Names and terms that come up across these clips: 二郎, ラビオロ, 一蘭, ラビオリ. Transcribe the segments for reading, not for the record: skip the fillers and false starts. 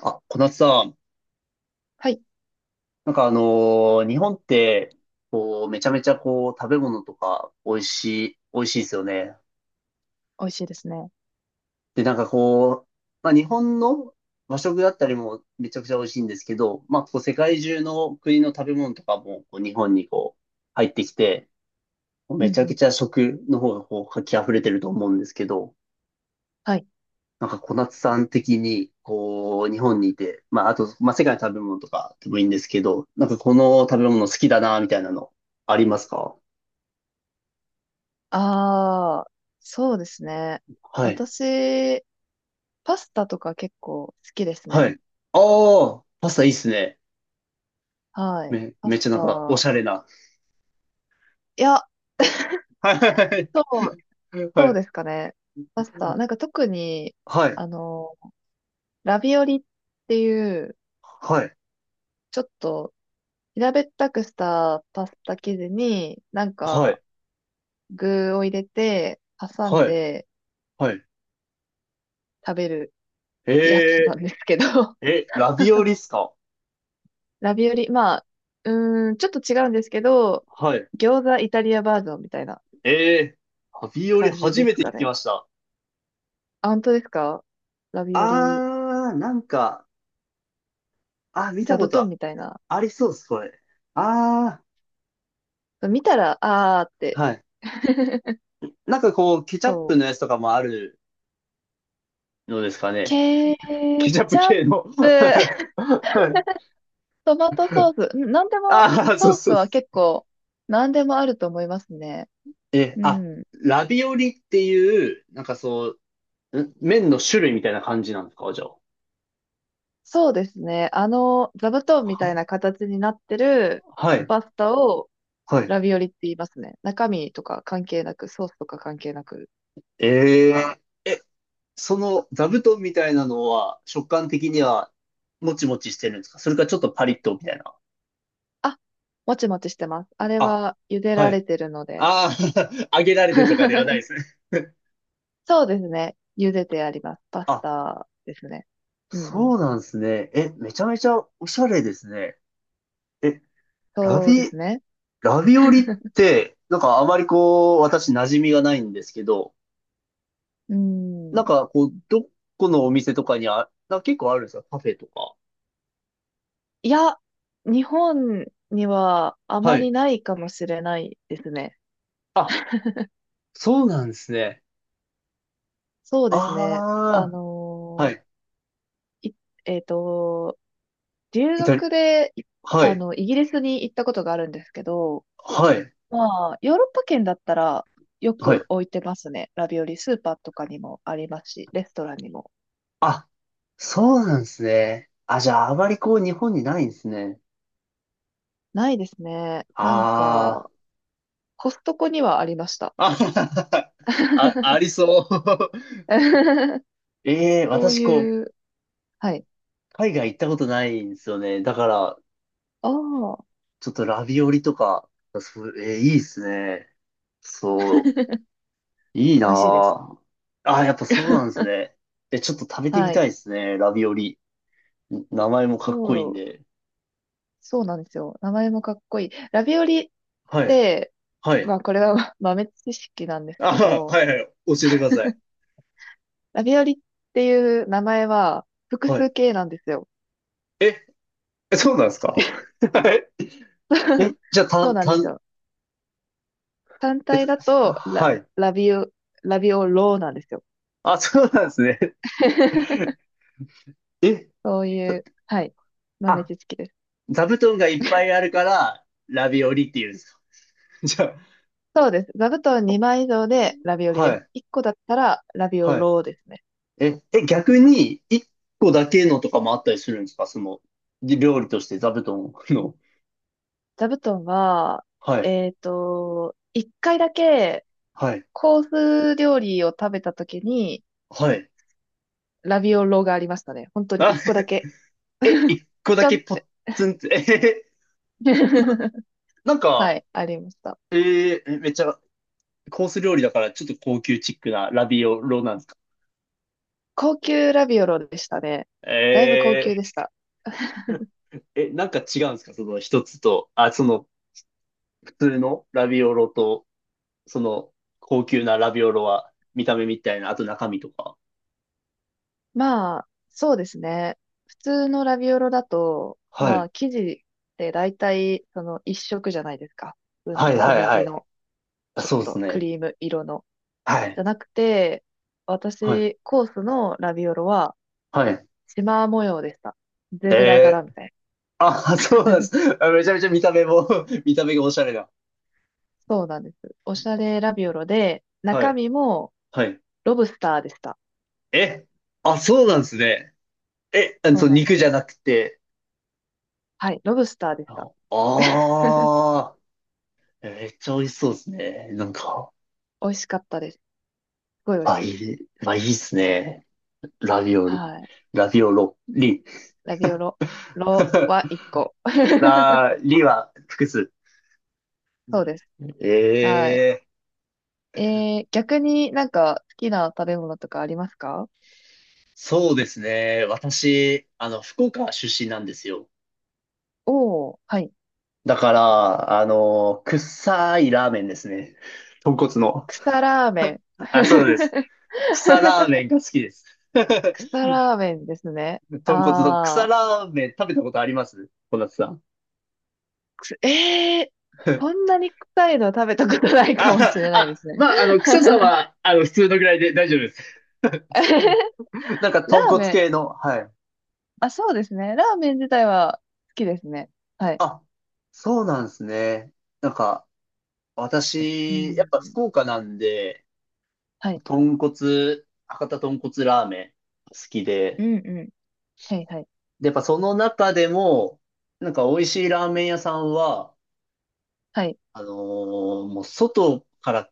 あ、小夏さん、はい。なんか日本って、こう、めちゃめちゃこう、食べ物とか、美味しいですよね。美味しいですね。で、なんかこう、まあ日本の和食だったりもめちゃくちゃ美味しいんですけど、まあこう、世界中の国の食べ物とかも、こう、日本にこう、入ってきて、うんめちゃうくん。ちゃ食の方がこう、活気溢れてると思うんですけど、はい。なんか小夏さん的に、こう、日本にいて、まあ、あと、まあ、世界の食べ物とかでもいいんですけど、なんかこの食べ物好きだな、みたいなの、ありますか？ああ、そうですね。はい。私、パスタとか結構好きですはね。い。ああ、パスタいいっすね。はい。パめっスちゃなんか、おしタ。ゃれな。いや、はい。そう、はい。そうですかね。パスタ。なんか特に、はい。あの、ラビオリっていう、はい。ちょっと平べったくしたパスタ生地に、なんはかい。具を入れて、挟んはい。ではい。食べるやつなえんですけど、ラビオリっすか？ラビオリ、まあ、うーん、ちょっと違うんですけど、はい。餃子イタリアバージョンみたいなえラビオリ感じ初でめすてか聞きね。ました。あ、本当ですか？ラビオリ、あー、なんか、あ、見た座こ布団とみたいな。ありそうです、これ。あ見たら、あーっあ、て。はい。なんかこう、ケチャッそプう。のやつとかもあるのですかね。ケケチャップチャッ系の。プ、はい。トマトソース、うん、なんでも、ああ、そうソースそうそは結う。構、なんでもあると思いますね。え、うあ、ん。ラビオリっていう、なんかそう、麺の種類みたいな感じなんですか、じゃあ。そうですね。座布団みたいな形になってるはい、パスタを、はい。ラビオリって言いますね。中身とか関係なく、ソースとか関係なく。えええ、その座布団みたいなのは、食感的には、もちもちしてるんですか？それかちょっとパリッとみたいな。あ、もちもちしてます。あれあ、は茹ではらい。れてるので。ああ、揚げられてとかではないで すね。そうですね。茹でてあります。パスあ、タですね。うんうん。そうなんですね。え、めちゃめちゃおしゃれですね。え、ラそうでビ、すね。ラビオリって、なんかあまりこう、私馴染みがないんですけど、うなんん。かこう、どこのお店とかになんか結構あるんですか？カフェとか。いや、日本にはあはまい。りないかもしれないですね。あ、そうなんですね。そうですね。あああ、はのい。ーいえっと、留イタリ、学で、いはあい。の、イギリスに行ったことがあるんですけど、はい。まあ、ヨーロッパ圏だったらよはい。く置いてますね。ラビオリ、スーパーとかにもありますし、レストランにも。あ、そうなんですね。あ、じゃああまりこう、日本にないんですね。ないですね。なんあか、コストコにはありました。あ、あ、あありそう。ええそう私こう、いう、はい。海外行ったことないんですよね。だから、ああ、ちょっとラビオリとか、そう、ええいいですね。そ う、いいな美味しいです。ぁ。あー、やっぱそうなんです ね。え、ちょっと食べてみはたい。いですね、ラビオリ。名前もかっこいいそんう、で。そうなんですよ。名前もかっこいい。ラビオリっはい、て、はまい。あこれは 豆知識なんですけあー、ど、はい、はい、教えてください。ラビオリっていう名前は複は数い。形なんですよ。え、え、そうなんですか？ え、 じゃあ、そうなんですよ。単え、体だと、はい。ラビオ、ラビオローなんですよ。あ、そうなんですね。え、そういう、はい、豆あ、知識です。座布団がいっぱいあるから、ラビオリって言うんですか？ じゃそうです。座布団2枚以上でラビオあ、リではす。い、1個だったらラビオはい。ローですね。え、え、逆に、一個だけのとかもあったりするんですか？その、料理として座布団の。座布団は、はい、1回だけはい、コース料理を食べた時にはい。ラビオローがありましたね。本当に1個あ、だけ。え、一個ちだょんけっポッて。ツンって、えへへ なんはか、い、ありました。めっちゃ、コース料理だから、ちょっと高級チックなラビオロなんですか？高級ラビオロでしたね。だいぶ高え級でした。え、なんか違うんですか？その一つと、あ、その、普通のラビオロと。その、高級なラビオロは、見た目みたいな、あと中身とか。まあ、そうですね。普通のラビオロだと、はまい。あ、生地って大体、その一色じゃないですか。普通はにい小はいは麦い。の、あ、ちょっそうですとクね。リーム色の。はじい。ゃなくて、はい。私、コースのラビオロは、はい。シマー模様でした。ゼブラ柄えみー、たいな。あ、そうなんです。あめちゃめちゃ見た目も 見た目がおしゃれだ。そうなんです。おしゃれラビオロで、は中い。身もはい。ロブスターでした。え、あ、そうなんですね。え、あそそうう、なんで肉すじゃよ。なくて。はい、ロブスターでしあた。あー、めっちゃ美味しそうですね。なんか、美味しかったです。すごい美味しあ、いい。い、まあ、いいですね。ラビオリ、はい。ラビオロ、リ。ラビオロ、ロは 一個。あー、リは複数。そうです。えはい。え、逆になんか好きな食べ物とかありますか？そうですね。私、福岡出身なんですよ。おー、はい。だから、臭いラーメンですね。豚骨の。草ラーメン。あ、そうです。草ラーメンが好きです。草ラーメンですね。豚骨の草あー、ラーメン食べたことあります？小夏さん。くすえー、そん なに臭いの食べたことないかあ、もしれないであ、すね。まあ、草さんは、普通のぐらいで大丈夫です。なんか、ラ豚ー骨メン、系の、はい。あ、そうですね。ラーメン自体は好きですね。はい。あ、そうなんですね。なんか、う私、やっん。ぱ福岡なんで、はい。博多豚骨ラーメン好きうで、んうん。はい、はい。で、やっぱその中でも、なんか美味しいラーメン屋さんは、はい。もう外から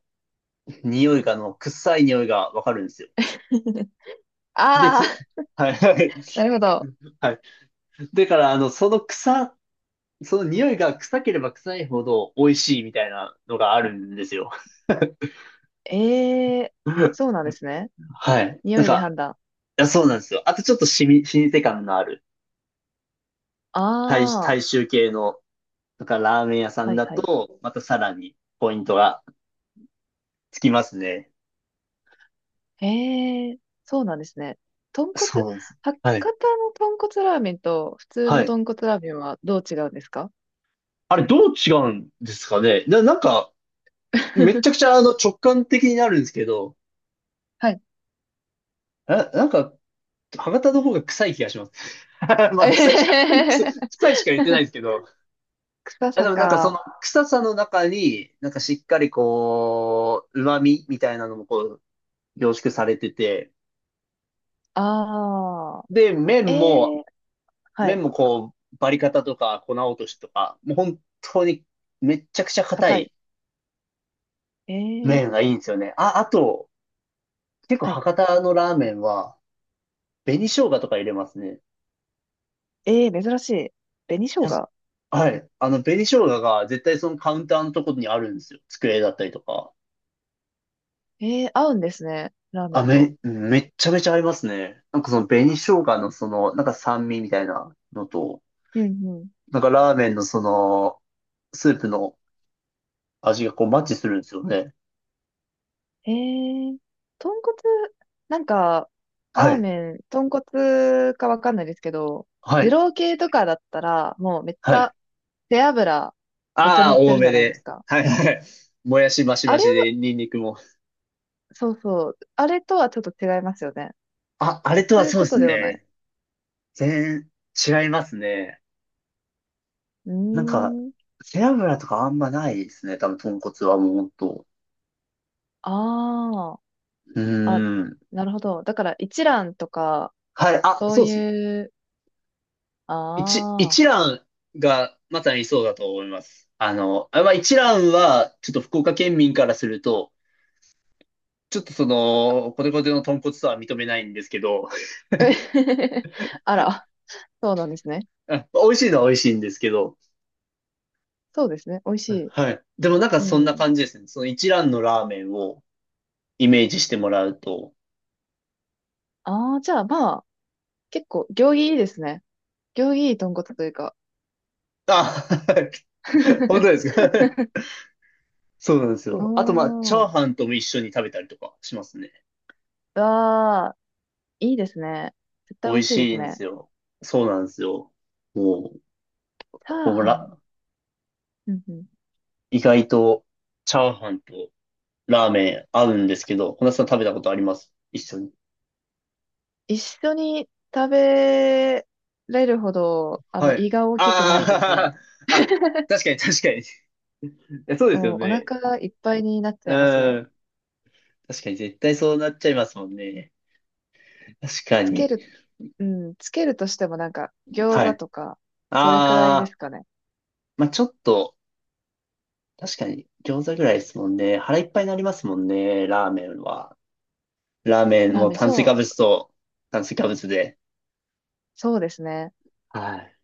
匂いが、あの、臭い匂いがわかるんですよ。で、ああ、はいはい。なるほど。はい。だから、その臭、その匂いが臭ければ臭いほど美味しいみたいなのがあるんですよ。ええ、そうなんですね。はい。な匂んいでか、判断。いや、そうなんですよ。あとちょっと老舗感のあるああ、大衆系のだからラーメン屋さはんいだはい。と、またさらにポイントがつきますね。へえ、そうなんですね。豚骨、そうです。博はい。多の豚骨ラーメンと普通はのい。豚骨ラーメンはどう違うんですか？ あれ、どう違うんですかねなんか、めちゃくち ゃ直感的になるんですけど、はい。なんか、博多の方が臭い気がします。まえへあ、へ臭へへ、臭いしか言ってないんですけど、臭あでさもなんかそのか。臭さの中に、なんかしっかりこう、旨味みたいなのもこう、凝縮されてて、ああ、で、ええ、は麺い。もこう、バリカタとか粉落としとか、もう本当にめっちゃくちゃ硬硬い。いえ麺え、がいいんですよね。あ、あと、結構はい。博多のラーメンは、紅生姜とか入れますね。ええ、珍しい。紅生やっ姜。はい。紅生姜が絶対そのカウンターのところにあるんですよ。机だったりとか。ええ、合うんですね。ラーメあ、ンと。めっちゃめちゃ合いますね。なんかその紅生姜のその、なんか酸味みたいなのと、うんうん、なんかラーメンのその、スープの味がこうマッチするんですよね。えー、豚骨、なんか、はラーい。メン、豚骨かわかんないですけど、は二い。郎系とかだったら、もうめっちはい。ゃ、背脂、めっちゃあ乗あ、って多るじめゃないですで。か。はいはい。もやしマシあマれシは、で、ニンニクも。そうそう、あれとはちょっと違いますよね。あ、あれとそはういうそうこでとすではない。ね。全然違いますね。うーなんか、ん、背脂とかあんまないですね。多分、豚骨はもうほんと。あうあ、あ、ーん。なるほど。だから一蘭とか、はい。あ、そうそうですね。いう、ああ、一蘭がまさにそうだと思います。あ、まあ、一蘭は、ちょっと福岡県民からすると、ちょっとその、コテコテの豚骨とは認めないんですけど、あら、そうなんですね。あ美味しいのは美味しいんですけど、そうですね。美味しい。はい。でもなんかうそんなん。感じですね。その一蘭のラーメンをイメージしてもらうと。ああ、じゃあまあ、結構、行儀いいですね。行儀いい豚骨というか。あ、本当 ですか？ そうなんですうーよ。あとまあ、チャん。ーうハンとも一緒に食べたりとかしますね。わあ、いいですね。絶対美美味味しいでしすいんでね。すよ。そうなんですよ。もう、チャーほハン。ら、うんうん。意外とチャーハンとラーメン合うんですけど、小夏さん食べたことあります？一緒に。一緒に食べれるほど、はい。胃が大きくないですあね。あ、あ、確かに確かに。そうですよおね。腹がいっぱいになっちゃいますうね。ん。確かに絶対そうなっちゃいますもんね。確かつけに。る、うん、つけるとしてもなんか、餃は子い。とか、それくらいでああ、すかね。まあちょっと、確かに餃子ぐらいですもんね。腹いっぱいになりますもんね、ラーメンは。ラーメンラーもメン、炭水化物と炭水化物で。そうですね。はい。